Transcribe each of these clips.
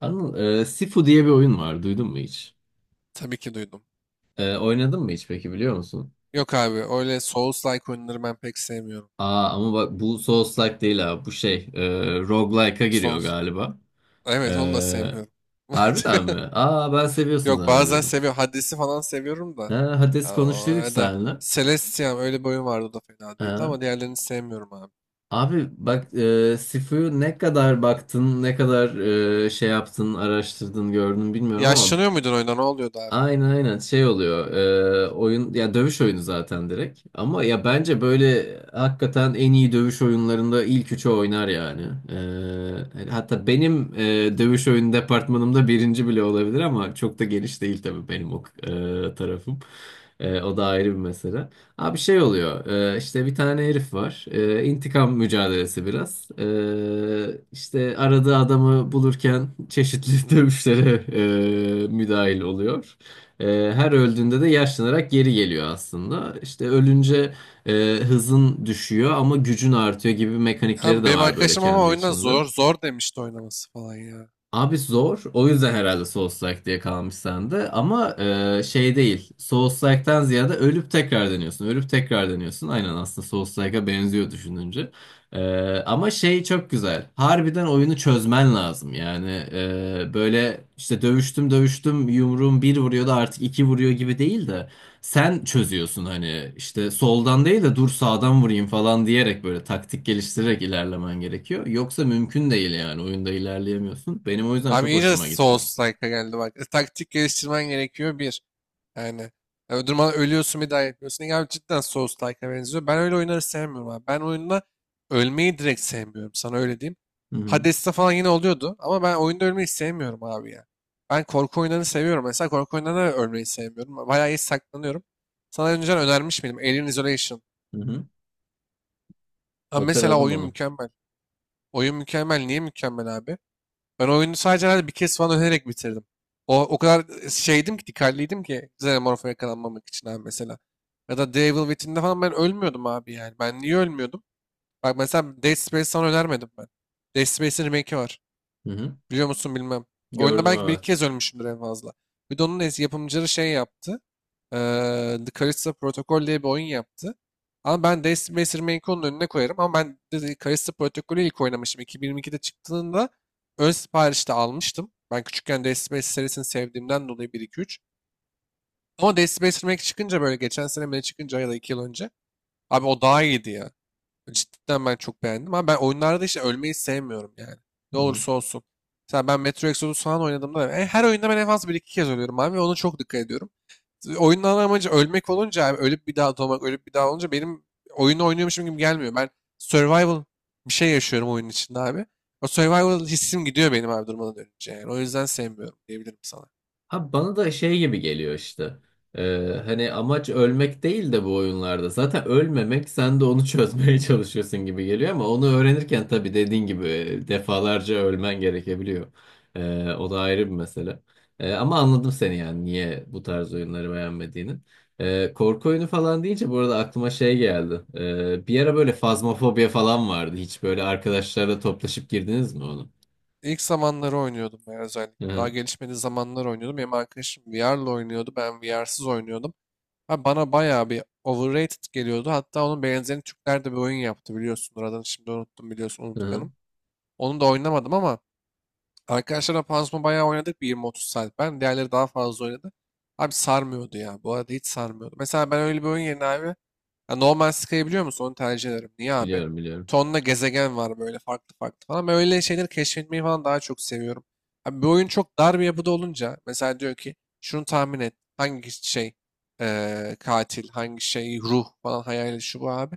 Anıl, Sifu diye bir oyun var. Duydun mu hiç? Tabii ki duydum. Oynadın mı hiç peki, biliyor musun? Yok abi öyle Souls-like oyunları ben pek sevmiyorum. Aa ama bak, bu Souls-like değil ha. Bu roguelike'a giriyor Souls... galiba. E, Evet onu da sevmiyorum. harbiden mi? Aa, ben seviyorsun Yok bazen zannediyordum. seviyorum. Hades'i falan seviyorum da. Ha, Hades Ya, konuştuyduk ya da seninle. Celestia'm öyle bir oyun vardı o da fena değildi Ha. ama diğerlerini sevmiyorum abi. Abi bak, Sifu'yu ne kadar baktın, ne kadar araştırdın, gördün bilmiyorum ama Yaşlanıyor muydun oyunda ne oluyordu abi? aynen şey oluyor. Oyun ya dövüş oyunu zaten direkt, ama ya bence böyle hakikaten en iyi dövüş oyunlarında ilk üçü oynar yani. E, hatta benim dövüş oyunu departmanımda birinci bile olabilir, ama çok da geniş değil tabii benim o tarafım. O da ayrı bir mesele. Abi şey oluyor, işte bir tane herif var. İntikam mücadelesi biraz. İşte aradığı adamı bulurken çeşitli dövüşlere müdahil oluyor. E, her öldüğünde de yaşlanarak geri geliyor aslında. İşte ölünce hızın düşüyor ama gücün artıyor gibi mekanikleri Abi de benim var böyle arkadaşım ama kendi oyunda içinde. zor zor demişti oynaması falan ya. Abi zor. O yüzden herhalde Souls-like diye kalmış sende. Ama şey değil. Souls-like'tan ziyade ölüp tekrar deniyorsun. Ölüp tekrar deniyorsun. Aynen, aslında Souls-like'a benziyor düşününce. E, ama şey çok güzel. Harbiden oyunu çözmen lazım. Yani böyle işte dövüştüm dövüştüm yumruğum bir vuruyordu artık iki vuruyor gibi değil de. Sen çözüyorsun, hani işte soldan değil de dur sağdan vurayım falan diyerek böyle taktik geliştirerek ilerlemen gerekiyor. Yoksa mümkün değil, yani oyunda ilerleyemiyorsun. Benim o yüzden Abi çok iyice hoşuma gitti. Souls-like'a geldi bak. Taktik geliştirmen gerekiyor bir. Yani yani öldürmen ölüyorsun bir daha yapıyorsun. Yani cidden Souls-like'a benziyor. Ben öyle oyunları sevmiyorum abi. Ben oyunda ölmeyi direkt sevmiyorum. Sana öyle diyeyim. Hı hı. Hades'te falan yine oluyordu. Ama ben oyunda ölmeyi sevmiyorum abi ya. Ben korku oyunlarını seviyorum. Mesela korku oyunlarında ölmeyi sevmiyorum. Bayağı iyi saklanıyorum. Sana önceden önermiş miydim? Alien Isolation. Hı hı. Ha mesela Hatırladım oyun onu. mükemmel. Oyun mükemmel. Niye mükemmel abi? Ben oyunu sadece herhalde bir kez falan önererek bitirdim. O kadar şeydim ki, dikkatliydim ki Xenomorph'a yakalanmamak için abi mesela. Ya da Devil Within'de falan ben ölmüyordum abi yani. Ben niye ölmüyordum? Bak mesela Dead Space sana önermedim ben. Dead Space'in remake'i var. Hı hı. Biliyor musun bilmem. Oyunda Gördüm, belki bir iki evet. kez ölmüşümdür en fazla. Bir de onun yapımcıları şey yaptı, The Callisto Protocol diye bir oyun yaptı. Ama ben Destiny Master Manco'nun önüne koyarım. Ama ben de Callisto Protocol'ü ilk oynamıştım. 2022'de çıktığında ön siparişte almıştım. Ben küçükken Destiny Master serisini sevdiğimden dolayı bir iki üç. Ama Destiny Master Manco çıkınca böyle geçen sene mi, ne çıkınca, ya da 2 yıl önce. Abi o daha iyiydi ya. Cidden ben çok beğendim. Ama ben oyunlarda işte ölmeyi sevmiyorum yani. Ne Hı hı. olursa olsun. Mesela ben Metro Exodus falan oynadığımda, her oyunda ben en fazla bir iki kez ölüyorum abi ve ona çok dikkat ediyorum. Oyunun ana amacı ölmek olunca abi, ölüp bir daha doğmak, ölüp bir daha olunca benim oyunu oynuyormuşum gibi gelmiyor. Ben survival bir şey yaşıyorum oyunun içinde abi. O survival hissim gidiyor benim abi durmadan dönünce yani. O yüzden sevmiyorum diyebilirim sana. Ha, bana da şey gibi geliyor işte. Hani amaç ölmek değil de bu oyunlarda. Zaten ölmemek, sen de onu çözmeye çalışıyorsun gibi geliyor, ama onu öğrenirken tabii dediğin gibi defalarca ölmen gerekebiliyor. O da ayrı bir mesele. Ama anladım seni, yani niye bu tarz oyunları beğenmediğini. Korku oyunu falan deyince bu arada aklıma şey geldi. Bir ara böyle fazmafobya falan vardı. Hiç böyle arkadaşlarla toplaşıp girdiniz mi onu? İlk zamanları oynuyordum ben özellikle. Hı Daha hı. gelişmediği zamanlar oynuyordum. Benim arkadaşım VR'la oynuyordu. Ben VR'sız oynuyordum. Abi bana bayağı bir overrated geliyordu. Hatta onun benzerini Türkler de bir oyun yaptı biliyorsun. Oradan şimdi unuttum, biliyorsun, Hı hı. unutkanım. Onu da oynamadım ama arkadaşlarla panzuma bayağı oynadık bir 20-30 saat. Ben diğerleri daha fazla oynadı. Abi sarmıyordu ya. Bu arada hiç sarmıyordu. Mesela ben öyle bir oyun yerine abi, ya normal Sky'ı biliyor musun? Onu tercih ederim. Niye abi? Biliyorum, biliyorum. Tonla gezegen var böyle farklı farklı falan. Ben öyle şeyleri keşfetmeyi falan daha çok seviyorum. Abi bir oyun çok dar bir yapıda olunca mesela diyor ki şunu tahmin et. Hangi şey katil, hangi şey ruh falan, hayali şu bu abi.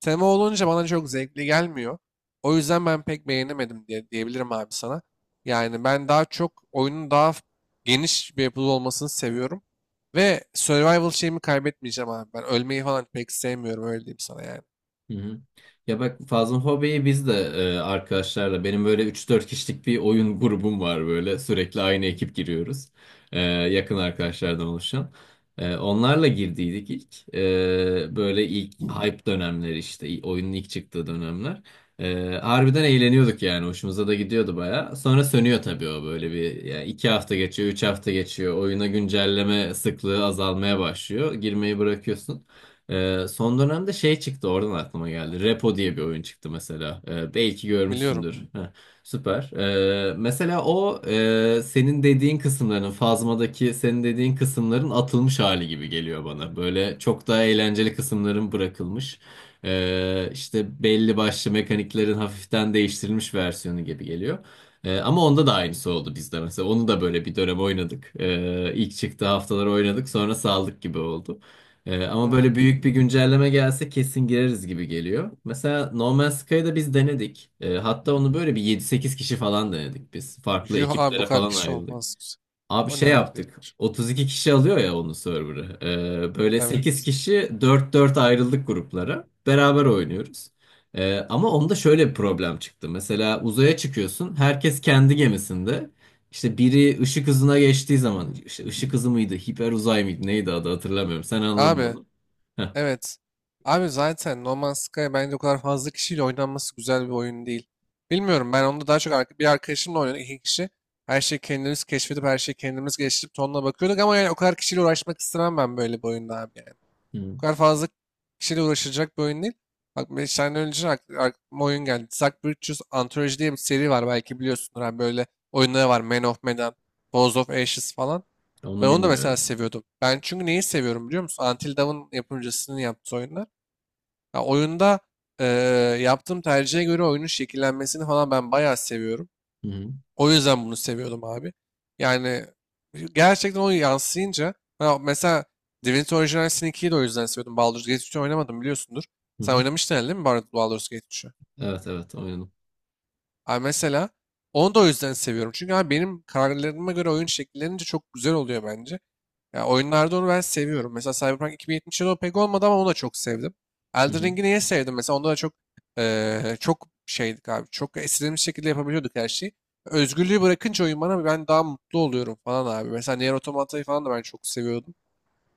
Tema olunca bana çok zevkli gelmiyor. O yüzden ben pek beğenemedim diye diyebilirim abi sana. Yani ben daha çok oyunun daha geniş bir yapıda olmasını seviyorum. Ve survival şeyimi kaybetmeyeceğim abi. Ben ölmeyi falan pek sevmiyorum, öyle diyeyim sana yani. Hı hı. Ya bak Fazıl, hobiyi biz de arkadaşlarla, benim böyle üç dört kişilik bir oyun grubum var, böyle sürekli aynı ekip giriyoruz. Yakın arkadaşlardan oluşan. Onlarla girdiydik ilk. Böyle ilk hype dönemleri, işte oyunun ilk çıktığı dönemler. E, harbiden eğleniyorduk yani, hoşumuza da gidiyordu baya. Sonra sönüyor tabii o, böyle bir yani 2 hafta geçiyor, 3 hafta geçiyor, oyuna güncelleme sıklığı azalmaya başlıyor. Girmeyi bırakıyorsun. Son dönemde şey çıktı, oradan aklıma geldi. Repo diye bir oyun çıktı mesela. Belki Biliyorum. görmüşsündür. Heh, süper. Mesela o, senin dediğin kısımların Phasma'daki senin dediğin kısımların atılmış hali gibi geliyor bana. Böyle çok daha eğlenceli kısımların bırakılmış. İşte belli başlı mekaniklerin hafiften değiştirilmiş versiyonu gibi geliyor. Ama onda da aynısı oldu bizde mesela. Onu da böyle bir dönem oynadık. İlk çıktığı haftalar oynadık, sonra saldık gibi oldu. Ama Hmm. böyle büyük bir güncelleme gelse kesin gireriz gibi geliyor. Mesela No Man's Sky'ı da biz denedik. Hatta onu böyle bir yedi sekiz kişi falan denedik biz. Farklı Yuh abi bu ekiplere kadar falan kişi ayrıldık. olmaz. Abi O ne şey abi? yaptık. 32 kişi alıyor ya onun server'ı. Böyle 8 Evet. kişi dört dört ayrıldık gruplara. Beraber oynuyoruz. Ama onda şöyle bir problem çıktı. Mesela uzaya çıkıyorsun. Herkes kendi gemisinde. İşte biri ışık hızına geçtiği zaman, işte ışık hızı mıydı, hiper uzay mıydı, neydi adı, hatırlamıyorum. Sen anladın Abi onu. evet. Abi zaten No Man's Sky bence o kadar fazla kişiyle oynanması güzel bir oyun değil. Bilmiyorum, ben onda daha çok bir arkadaşımla oynadık iki kişi. Her şeyi kendimiz keşfedip her şeyi kendimiz geliştirip tonla bakıyorduk ama yani o kadar kişiyle uğraşmak istemem ben böyle bir oyunda abi yani. Bu Hı. kadar fazla kişiyle uğraşılacak bir oyun değil. Bak beş tane önce aklıma oyun geldi. Zack Bridges Anthology diye bir seri var belki biliyorsunuz. Hani böyle oyunları var. Man of Medan, Balls of Ashes falan. Ben Onu onu da mesela bilmiyorum. seviyordum. Ben çünkü neyi seviyorum biliyor musun? Until Dawn'ın yapımcısının yaptığı oyunlar. Ya oyunda, eee, yaptığım tercihe göre oyunun şekillenmesini falan ben bayağı seviyorum. Hı hı. O yüzden bunu seviyordum abi. Yani gerçekten o yansıyınca, ha mesela Divinity Original Sin 2'yi de o yüzden seviyordum. Baldur's Gate 3'ü oynamadım biliyorsundur. Hı Sen hı. oynamıştın herhalde değil mi Baldur's Gate 3'ü? Evet, evet, oynadım. Abi mesela onu da o yüzden seviyorum. Çünkü abi benim kararlarıma göre oyun şekillerince çok güzel oluyor bence. Ya oyunlarda onu ben seviyorum. Mesela Cyberpunk 2077 o pek olmadı ama onu da çok sevdim. Hı Elden hı. Ring'i niye sevdim? Mesela onda da çok çok şeydik abi. Çok istediğimiz şekilde yapabiliyorduk her şeyi. Özgürlüğü bırakınca oyun bana, ben daha mutlu oluyorum falan abi. Mesela Nier Automata'yı falan da ben çok seviyordum.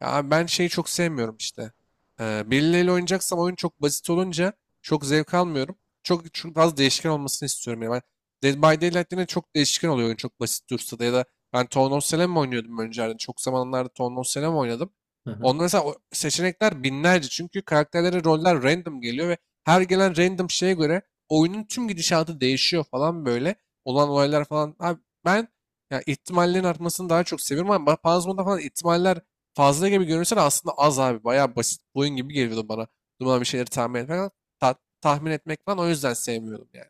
Ya abi ben şeyi çok sevmiyorum işte. Birileriyle oynayacaksam oyun çok basit olunca çok zevk almıyorum. Çok, çok fazla değişken olmasını istiyorum. Yani ben Dead by Daylight'te de çok değişken oluyor oyun çok basit dursa da, ya da ben Town of Salem oynuyordum önceden. Çok zamanlarda Town of Salem oynadım. Hı, Onda mesela o seçenekler binlerce, çünkü karakterlere roller random geliyor ve her gelen random şeye göre oyunun tüm gidişatı değişiyor falan böyle. Olan olaylar falan. Abi ben, ya, ihtimallerin artmasını daha çok seviyorum ama falan ihtimaller fazla gibi görünse de aslında az abi. Bayağı basit bir oyun gibi geliyordu bana. Duman bir şeyleri tahmin etmek falan. Tahmin etmek falan o yüzden sevmiyordum yani.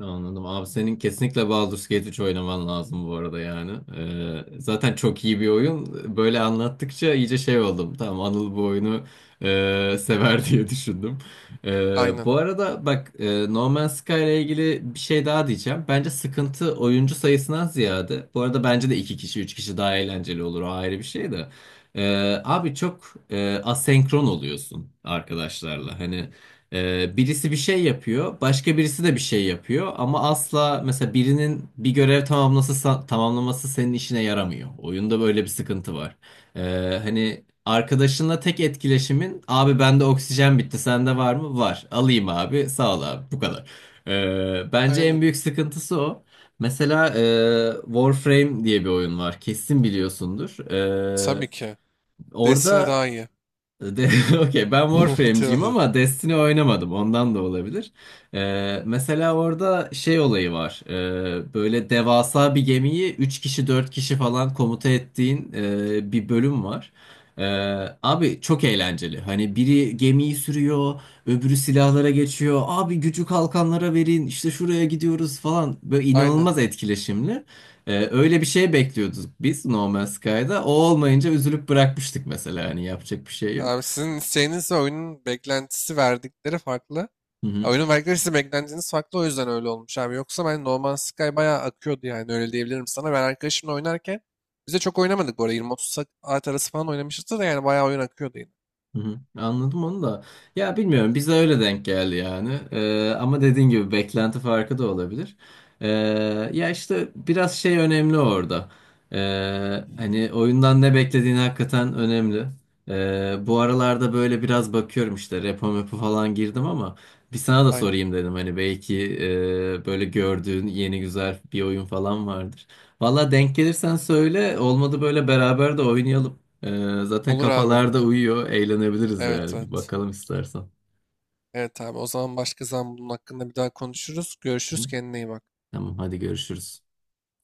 anladım. Abi senin kesinlikle Baldur's Gate 3 oynaman lazım bu arada yani. Zaten çok iyi bir oyun. Böyle anlattıkça iyice şey oldum. Tamam Anıl bu oyunu sever diye düşündüm. Bu Aynen. arada bak, No Man's Sky ile ilgili bir şey daha diyeceğim. Bence sıkıntı oyuncu sayısından ziyade. Bu arada bence de iki kişi üç kişi daha eğlenceli olur. O ayrı bir şey de. Abi çok asenkron oluyorsun arkadaşlarla. Hani birisi bir şey yapıyor, başka birisi de bir şey yapıyor, ama asla mesela birinin bir görev tamamlası tamamlaması senin işine yaramıyor. Oyunda böyle bir sıkıntı var. Hani arkadaşınla tek etkileşimin, abi bende oksijen bitti, sende var mı? Var. Alayım abi. Sağ ol abi. Bu kadar. Bence en Aynen. büyük sıkıntısı o. Mesela Warframe diye bir oyun var. Kesin biliyorsundur. Tabii ki. Destiny Orada daha iyi. de- okey, ben Warframe'ciyim Tabii. ama Destiny oynamadım, ondan da olabilir. Mesela orada şey olayı var. Böyle devasa bir gemiyi 3 kişi 4 kişi falan komuta ettiğin bir bölüm var. Ee, abi çok eğlenceli. Hani biri gemiyi sürüyor, öbürü silahlara geçiyor. Abi gücü kalkanlara verin, işte şuraya gidiyoruz falan. Böyle inanılmaz Aynen. etkileşimli. Öyle bir şey bekliyorduk biz No Man's Sky'da. O olmayınca üzülüp bırakmıştık mesela. Hani yapacak bir şey yok. Abi sizin isteğiniz ve oyunun beklentisi verdikleri farklı. Hı Ya hı, oyunun verdikleri size beklentiniz farklı o yüzden öyle olmuş abi. Yoksa ben No Man's Sky bayağı akıyordu yani öyle diyebilirim sana. Ben arkadaşımla oynarken biz de çok oynamadık bu arada. 20-30 saat arası falan oynamışız da yani bayağı oyun akıyordu yine. hı hı. Anladım onu da. Ya bilmiyorum, bize öyle denk geldi yani. Ama dediğin gibi beklenti farkı da olabilir. Ee, ya işte biraz şey önemli orada. Hani oyundan ne beklediğin hakikaten önemli. Bu aralarda böyle biraz bakıyorum, işte repo mepo falan girdim ama bir sana da Aynen. sorayım dedim, hani belki böyle gördüğün yeni güzel bir oyun falan vardır. Valla denk gelirsen söyle, olmadı böyle beraber de oynayalım. Zaten Olur abi. kafalarda uyuyor. Eğlenebiliriz Evet yani. Bir evet. bakalım istersen. Evet abi o zaman başka zaman bunun hakkında bir daha konuşuruz. Hı? Görüşürüz, kendine iyi bak. Tamam, hadi görüşürüz.